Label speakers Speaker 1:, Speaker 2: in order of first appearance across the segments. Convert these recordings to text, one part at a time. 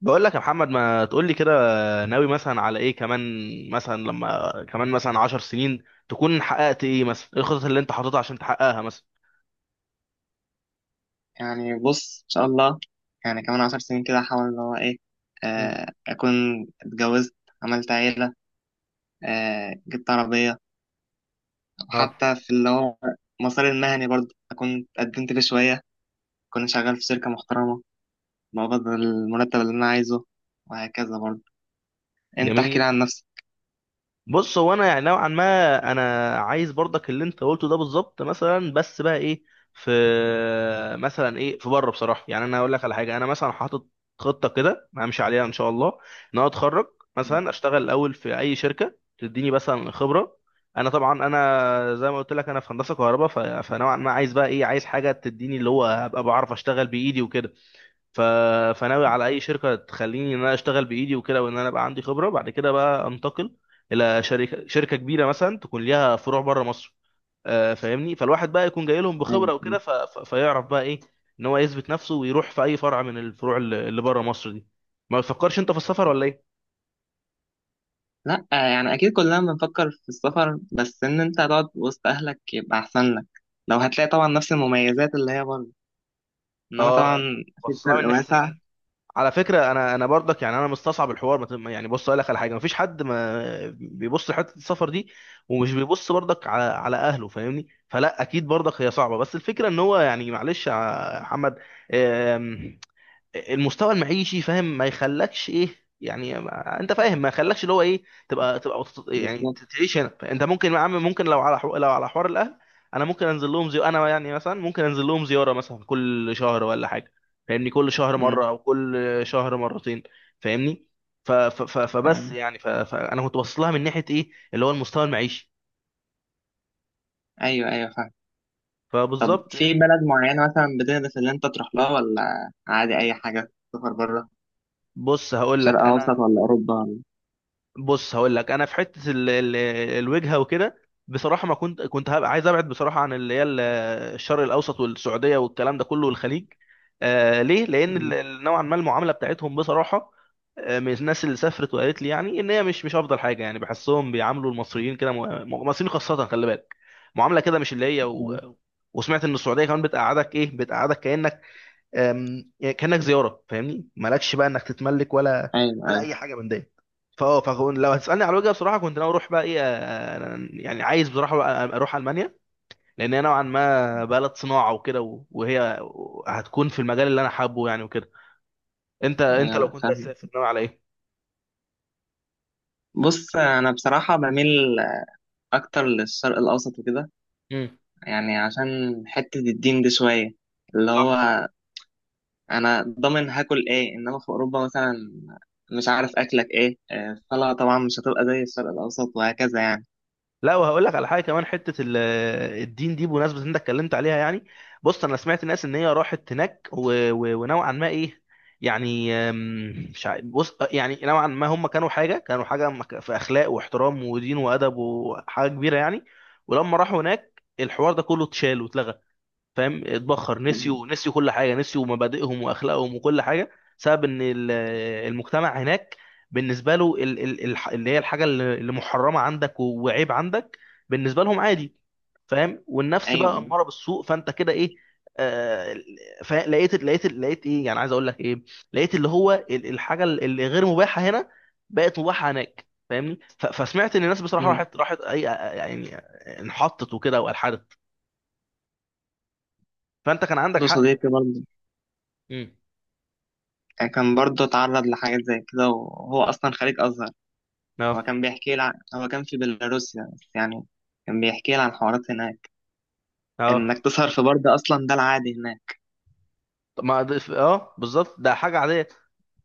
Speaker 1: بقول لك يا محمد، ما تقول لي كده. ناوي مثلا على ايه كمان؟ مثلا لما كمان مثلا 10 سنين تكون حققت ايه؟ مثلا ايه الخطط اللي انت حاططها عشان تحققها مثلا؟
Speaker 2: يعني بص، ان شاء الله. يعني كمان 10 سنين كده احاول اللي هو ايه.
Speaker 1: مم.
Speaker 2: اكون اتجوزت، عملت عيلة. جبت عربية.
Speaker 1: اه.
Speaker 2: وحتى في اللي هو مسار المهني برضه اكون اتقدمت لي شوية، اكون شغال في شركة محترمة، بقبض المرتب اللي انا عايزه، وهكذا برضه. انت احكي
Speaker 1: جميل.
Speaker 2: لي عن نفسك.
Speaker 1: بص، هو انا يعني نوعا ما انا عايز برضك اللي انت قلته ده بالظبط، مثلا، بس بقى ايه، في مثلا ايه في بره. بصراحه يعني، انا هقول لك على حاجه. انا مثلا حاطط خطه كده همشي عليها ان شاء الله، ان انا اتخرج، مثلا اشتغل الاول في اي شركه تديني مثلا خبره. انا طبعا، انا زي ما قلت لك انا في هندسه كهرباء، ف- فنوعا ما عايز بقى ايه، عايز حاجه تديني اللي هو هبقى بعرف اشتغل بايدي وكده. ف... فناوي على اي شركه تخليني ان انا اشتغل بايدي وكده، وان انا بقى عندي خبره بعد كده، بقى انتقل الى شركه، شركه كبيره مثلا تكون ليها فروع بره مصر. فاهمني، فالواحد بقى يكون جاي لهم بخبره وكده، ف... ف... فيعرف بقى ايه، ان هو يثبت نفسه ويروح في اي فرع من الفروع اللي بره مصر دي. ما بتفكرش انت في السفر ولا ايه؟
Speaker 2: لا، يعني اكيد كلنا بنفكر في السفر، بس ان انت هتقعد وسط اهلك يبقى احسن لك، لو هتلاقي طبعا نفس المميزات اللي هي برضه. انما طبعا
Speaker 1: اه،
Speaker 2: في
Speaker 1: باصص لها من
Speaker 2: فرق
Speaker 1: ناحيه
Speaker 2: واسع.
Speaker 1: الاهل. على فكره انا، انا برضك يعني انا مستصعب الحوار، ما تم- يعني بص اقول لك على حاجه. مفيش حد ما بيبص لحته السفر دي، ومش بيبص برضك على على اهله، فاهمني. فلا اكيد برضك هي صعبه، بس الفكره ان هو يعني، معلش يا محمد، المستوى المعيشي فاهم ما يخلكش ايه، يعني انت فاهم ما يخلكش اللي هو ايه، تبقى يعني
Speaker 2: بالظبط.
Speaker 1: تعيش هنا. انت ممكن يا عم، ممكن، لو على لو على حوار الاهل، انا ممكن انزل لهم، زي انا يعني مثلا ممكن انزل لهم زياره مثلا، كل شهر ولا حاجه. فاهمني، كل شهر
Speaker 2: مم.
Speaker 1: مره او كل شهر مرتين. فاهمني. ف... ف... ف... فبس
Speaker 2: تمام.
Speaker 1: يعني، ف... فانا كنت باصص لها من ناحيه ايه، اللي هو المستوى المعيشي.
Speaker 2: ايوه، ايوه، فاهم. طب
Speaker 1: فبالظبط يعني.
Speaker 2: في بلد معينة مثلا بتدرس اللي انت تروح لها، ولا عادي اي حاجة تسافر بره؟
Speaker 1: بص هقول
Speaker 2: شرق
Speaker 1: لك
Speaker 2: اوسط
Speaker 1: انا،
Speaker 2: ولا اوروبا ولا؟
Speaker 1: بص هقول لك انا في حته ال الوجهه وكده، بصراحه ما كنت، كنت هبقى عايز ابعد بصراحه عن اللي هي الشرق الاوسط والسعوديه والكلام ده كله والخليج. آه، ليه؟ لان
Speaker 2: مم.
Speaker 1: نوعا ما المعامله بتاعتهم بصراحه، من الناس اللي سافرت وقالت لي يعني ان هي مش افضل حاجه يعني. بحسهم بيعاملوا المصريين كده، المصريين خاصه، خلي بالك، معامله كده مش اللي هي
Speaker 2: مم.
Speaker 1: وسمعت ان السعوديه كمان بتقعدك ايه، بتقعدك كانك، يعني كانك زياره. فاهمني، مالكش بقى انك تتملك ولا
Speaker 2: ايوه،
Speaker 1: ولا
Speaker 2: ايوه،
Speaker 1: اي حاجه من ديت. فكون لو هتسالني على الوجهه، بصراحه كنت ناوي اروح بقى ايه، يعني عايز بصراحه بقى اروح المانيا، لان هي نوعا ما بلد صناعه وكده، وهي هتكون في المجال اللي انا حابه يعني وكده. انت انت لو
Speaker 2: ايوه،
Speaker 1: كنت
Speaker 2: فاهم.
Speaker 1: هتسافر ناوي على ايه؟
Speaker 2: بص، انا بصراحة بميل اكتر للشرق الاوسط وكده.
Speaker 1: امم.
Speaker 2: يعني عشان حتة الدين دي شوية، اللي
Speaker 1: صح.
Speaker 2: هو انا ضامن هاكل ايه، انما في اوروبا مثلا مش عارف اكلك ايه. الصلاة طبعا مش هتبقى زي الشرق الاوسط، وهكذا يعني.
Speaker 1: لا، وهقول لك على حاجه كمان، حته الدين دي، بمناسبه ان انت اتكلمت عليها يعني. بص انا سمعت ناس ان هي راحت هناك و... و... ونوعا ما ايه، يعني مش عارف، بص، يعني نوعا ما هم كانوا حاجه، كانوا حاجه في اخلاق واحترام ودين وادب وحاجه كبيره يعني. ولما راحوا هناك، الحوار ده كله اتشال واتلغى، فاهم، اتبخر.
Speaker 2: مم.
Speaker 1: نسيوا كل حاجه، نسيوا مبادئهم واخلاقهم وكل حاجه، بسبب ان المجتمع هناك بالنسبه له اللي هي الحاجه اللي محرمه عندك وعيب عندك، بالنسبه لهم عادي، فاهم. والنفس
Speaker 2: ايوه.
Speaker 1: بقى اماره بالسوء، فانت كده ايه. آه. لقيت ايه، يعني عايز اقول لك ايه، لقيت اللي هو الحاجه اللي غير مباحه هنا بقت مباحه هناك. فاهمني، فسمعت ان الناس بصراحه
Speaker 2: مم.
Speaker 1: راحت اي يعني، انحطت وكده والحدت. فانت كان عندك
Speaker 2: عنده
Speaker 1: حق في
Speaker 2: صديقي
Speaker 1: الحته.
Speaker 2: برضه،
Speaker 1: امم.
Speaker 2: كان برضه اتعرض لحاجات زي كده، وهو أصلا خريج أزهر. هو
Speaker 1: اه.
Speaker 2: كان بيحكي لي عن، هو كان في بيلاروسيا، بس يعني كان بيحكي لي عن حوارات هناك.
Speaker 1: اه.
Speaker 2: إنك تسهر في برد أصلا ده العادي هناك.
Speaker 1: طب ما بالظبط ده حاجه عاديه.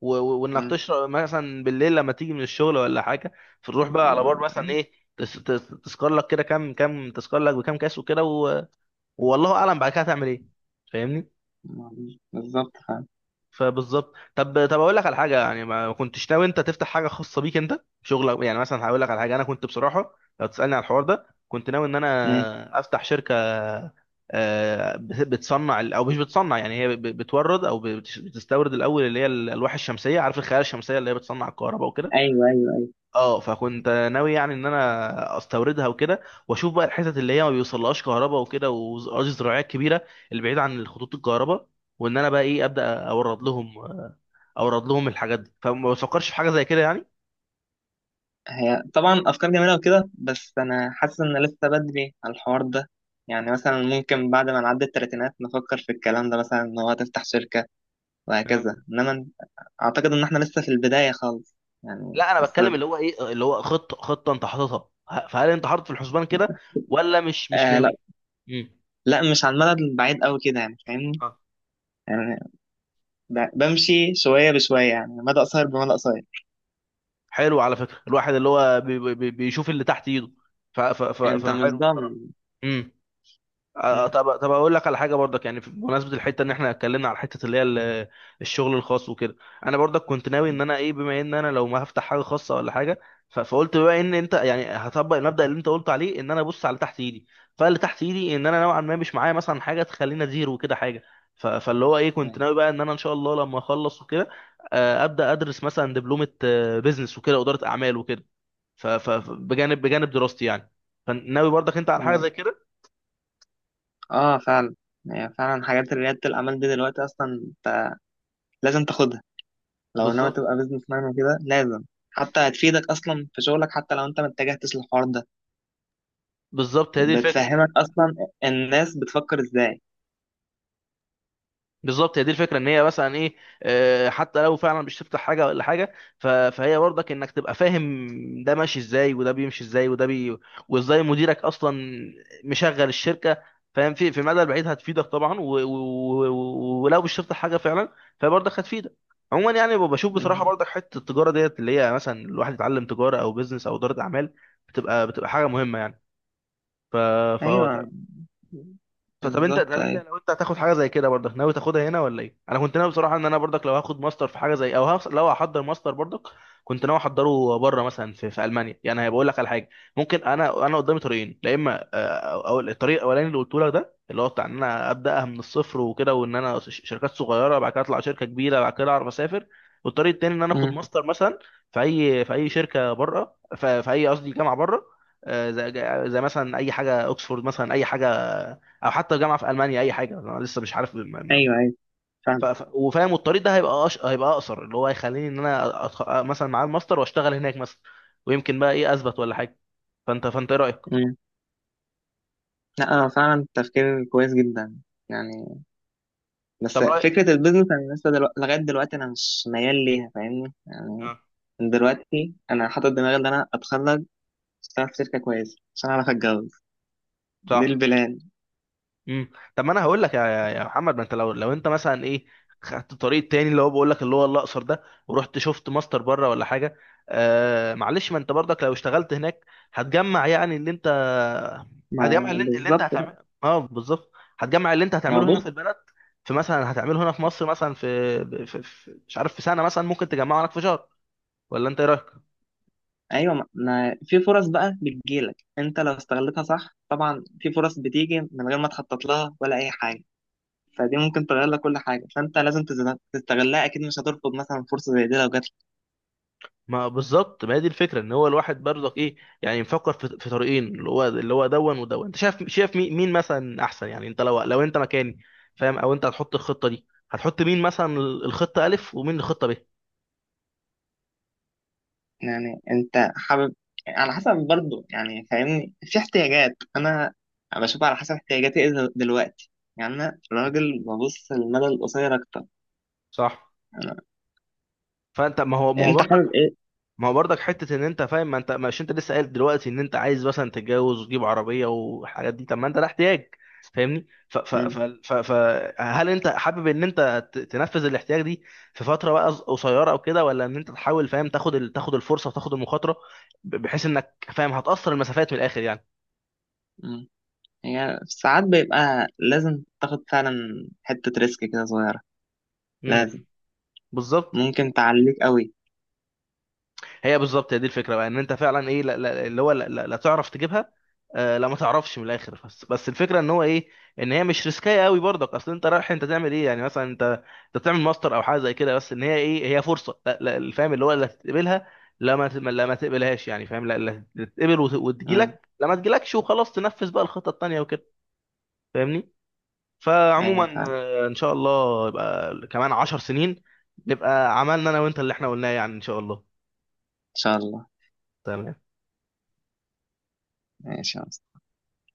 Speaker 1: و- و- وانك
Speaker 2: مم.
Speaker 1: تشرب مثلا بالليل لما تيجي من الشغل ولا حاجه، فتروح بقى على بار مثلا
Speaker 2: إيه،
Speaker 1: ايه، تس- تس- تسكر لك كده كام كام، تسكر لك بكام كاس وكده، والله اعلم بعد كده هتعمل ايه.
Speaker 2: ما- بالظبط فاهم.
Speaker 1: فبالظبط. طب طب اقول لك على حاجه، يعني ما كنتش ناوي انت تفتح حاجه خاصه بيك انت، شغلك يعني. مثلا هقول لك على حاجه، انا كنت بصراحه لو تسالني على الحوار ده، كنت ناوي ان
Speaker 2: مم.
Speaker 1: انا افتح شركه، بتصنع او مش بتصنع يعني، هي بتورد او بتستورد الاول اللي هي الالواح الشمسيه، عارف، الخلايا الشمسيه اللي هي بتصنع الكهرباء وكده.
Speaker 2: أيوه، أيوه.
Speaker 1: اه، فكنت ناوي يعني ان انا استوردها وكده، واشوف بقى الحتت اللي هي ما بيوصلهاش كهرباء وكده، واراضي زراعيه كبيره البعيده عن خطوط الكهرباء، وان انا بقى ايه، ابدا اورد لهم، اورد لهم الحاجات دي. فما بتفكرش في حاجه زي كده يعني؟
Speaker 2: هي طبعا أفكار جميلة وكده، بس أنا حاسس إن لسه بدري على الحوار ده. يعني مثلا ممكن بعد ما نعدي التلاتينات نفكر في الكلام ده مثلا، إن هو تفتح شركة
Speaker 1: آه.
Speaker 2: وهكذا، إنما أعتقد إن إحنا لسه في البداية خالص. يعني
Speaker 1: لا، انا
Speaker 2: لسه،
Speaker 1: بتكلم اللي هو ايه، اللي هو خطه انت حاططها، فهل انت حاطط في الحسبان كده ولا مش
Speaker 2: لا،
Speaker 1: ناوي؟ امم.
Speaker 2: لا، مش على المدى البعيد قوي كده، يعني فاهمني.
Speaker 1: آه.
Speaker 2: يعني بمشي شوية بشوية، يعني مدى قصير بمدى قصير.
Speaker 1: حلو على فكره. الواحد اللي هو بيشوف اللي تحت ايده، ف ف ف آه.
Speaker 2: انت مش
Speaker 1: فحلو
Speaker 2: ضامن.
Speaker 1: بصراحه.
Speaker 2: م-
Speaker 1: طب طب اقول لك على حاجه برضك، يعني بمناسبه الحته ان احنا اتكلمنا على حته اللي هي الشغل الخاص وكده، انا برضك كنت ناوي ان
Speaker 2: م-
Speaker 1: انا ايه، بما ان انا لو ما هفتح حاجه خاصه ولا حاجه، فقلت بقى، ان انت يعني هطبق المبدأ اللي انت قلت عليه، ان انا ابص على تحت ايدي. فاللي تحت ايدي، ان انا نوعا ما مش معايا مثلا حاجه تخليني ادير وكده حاجه، فاللي هو ايه، كنت
Speaker 2: م-
Speaker 1: ناوي بقى ان انا ان شاء الله لما اخلص وكده، ابدا ادرس مثلا دبلومه بزنس وكده واداره اعمال وكده، بجانب بجانب دراستي يعني. فناوي برضك انت على حاجه
Speaker 2: م.
Speaker 1: زي كده.
Speaker 2: اه، فعلا. يعني فعلا حاجات ريادة الأعمال دي دلوقتي أصلا انت لازم تاخدها. لو ناوي
Speaker 1: بالظبط.
Speaker 2: تبقى بيزنس مان وكده لازم. حتى هتفيدك أصلا في شغلك، حتى لو انت ما اتجهتش للحوار ده.
Speaker 1: بالظبط هي دي الفكره ان
Speaker 2: بتفهمك
Speaker 1: انت،
Speaker 2: أصلا الناس بتفكر ازاي.
Speaker 1: بالظبط هي دي الفكره، ان هي مثلا ايه، حتى لو فعلا مش تفتح حاجه ولا حاجه، فهي برضك انك تبقى فاهم ده ماشي ازاي وده بيمشي ازاي وده بي، وازاي مديرك اصلا مشغل الشركه، فاهم. في في المدى البعيد هتفيدك طبعا، ولو مش تفتح حاجه فعلا فبرضك هتفيدك. عموما يعني، بشوف بصراحه
Speaker 2: م.
Speaker 1: برضك حته التجاره ديت، اللي هي مثلا الواحد يتعلم تجاره او بيزنس او اداره اعمال، بتبقى حاجه مهمه يعني. ف فا
Speaker 2: أيوه.
Speaker 1: فطب انت،
Speaker 2: بالظبط،
Speaker 1: طب انت
Speaker 2: أيوه.
Speaker 1: لو انت هتاخد حاجه زي كده، برضك ناوي تاخدها هنا ولا ايه؟ انا كنت ناوي بصراحه ان انا برضك لو هاخد ماستر في حاجه زي، او لو هحضر ماستر برضك، كنت ناوي احضره بره، مثلا في المانيا يعني. هيبقول لك على حاجه، ممكن انا، انا قدامي طريقين، يا اما او الطريق الاولاني اللي قلت لك ده، اللي هو بتاع ان انا ابداها من الصفر وكده، وان انا شركات صغيره، بعد كده اطلع شركه كبيره، بعد كده اعرف اسافر. والطريق التاني ان انا اخد
Speaker 2: م.
Speaker 1: ماستر مثلا في اي، في اي شركه بره، في, في اي، قصدي جامعه بره، اه، زي زي مثلا اي حاجه، اوكسفورد مثلا، اي حاجه، او حتى جامعه في المانيا، اي حاجه. انا لسه مش عارف، ما ما
Speaker 2: أيوه،
Speaker 1: ما
Speaker 2: أيوه
Speaker 1: وفاهم. والطريق ده هيبقى هيبقى اقصر، اللي هو هيخليني ان انا مثلا معاه الماستر واشتغل هناك مثلا، ويمكن بقى ايه اثبت ولا حاجه. فانت، فانت ايه رايك؟
Speaker 2: فعلا. لا، فعلا تفكير كويس جدا. يعني بس
Speaker 1: طب رايك.
Speaker 2: فكرة البيزنس أنا لسه لغاية دلوقتي أنا مش ميال ليها، فاهمني يعني.
Speaker 1: اه.
Speaker 2: من دلوقتي أنا حاطط دماغي إن أنا أتخرج، أشتغل في شركة كويسة، عشان أعرف أتجوز. دي
Speaker 1: صح.
Speaker 2: البلان.
Speaker 1: امم. طب، ما انا هقول لك يا محمد، ما انت لو انت مثلا ايه، خدت طريق تاني اللي هو بقول لك اللي هو الاقصر ده، ورحت شفت ماستر بره ولا حاجه، آه معلش، ما انت برضك لو اشتغلت هناك هتجمع يعني اللي انت،
Speaker 2: ما
Speaker 1: هتجمع اللي انت، اللي انت
Speaker 2: بالظبط بقى.
Speaker 1: هتعمله، اه بالظبط، هتجمع اللي انت
Speaker 2: ما هو
Speaker 1: هتعمله هنا في
Speaker 2: بص.
Speaker 1: البلد، في مثلا هتعمله هنا في مصر، مثلا في, في, في مش عارف، في سنه مثلا، ممكن تجمعه هناك في شهر. ولا انت ايه رايك؟
Speaker 2: أيوه، ما في فرص بقى بتجيلك، أنت لو استغلتها صح طبعا. في فرص بتيجي من غير ما تخطط لها ولا أي حاجة، فدي ممكن تغير لك كل حاجة، فأنت لازم تستغلها. أكيد مش هترفض مثلا فرصة زي دي لو جات.
Speaker 1: ما بالظبط، ما هي دي الفكره، ان هو الواحد برضك ايه، يعني مفكر في في طريقين اللي هو اللي هو دون ودون. انت شايف، شايف مين مين مثلا احسن؟ يعني انت لو انت مكاني فاهم، او انت هتحط الخطه دي، هتحط مين مثلا الخطه الف ومين الخطه ب؟
Speaker 2: يعني انت حابب. على حسب برضو يعني فاهمني، في احتياجات انا بشوف على حسب احتياجاتي ايه دلوقتي. يعني انا راجل ببص للمدى القصير اكتر.
Speaker 1: صح.
Speaker 2: انا
Speaker 1: فانت، ما هو ما هو
Speaker 2: انت
Speaker 1: برضك،
Speaker 2: حابب ايه؟
Speaker 1: ما هو برضك حته ان انت فاهم، ما انت مش، انت لسه قايل دلوقتي ان انت عايز مثلا تتجوز وتجيب عربيه والحاجات دي، طب ما انت ده احتياج. فاهمني، ف ف ف
Speaker 2: مم.
Speaker 1: ف ف هل انت حابب ان انت تنفذ الاحتياج دي في فتره بقى قصيره او كده، ولا ان انت تحاول فاهم تاخد تاخد الفرصه وتاخد المخاطره، بحيث انك فاهم هتأثر المسافات من الاخر يعني.
Speaker 2: مم. هي ساعات بيبقى لازم تاخد فعلا حتة ريسك كده صغيرة،
Speaker 1: امم.
Speaker 2: لازم.
Speaker 1: بالظبط.
Speaker 2: ممكن تعليك قوي.
Speaker 1: هي بالظبط، هي دي الفكره بقى، ان انت فعلا ايه، لا لا اللي هو لا, لا, لا تعرف تجيبها. آه، لا ما تعرفش من الاخر، بس الفكره ان هو ايه، ان هي مش ريسكايه قوي برضك، اصل انت رايح انت تعمل ايه يعني، مثلا انت انت تعمل ماستر او حاجه زي كده، بس ان هي ايه، هي فرصه، لا لا فاهم، اللي هو لا تقبلها، لا ما ت- لا ما تقبلهاش يعني، فاهم. لا لا تقبل،
Speaker 2: مم.
Speaker 1: وتجيلك، لا ما تجيلكش وخلاص، تنفذ بقى الخطه التانيه وكده. فاهمني.
Speaker 2: ايوه،
Speaker 1: فعموما،
Speaker 2: فعلا، ان
Speaker 1: ان شاء الله يبقى كمان 10 سنين، نبقى عملنا انا وانت اللي احنا قلناه، يعني ان شاء الله.
Speaker 2: شاء الله.
Speaker 1: تمام
Speaker 2: ماشي يا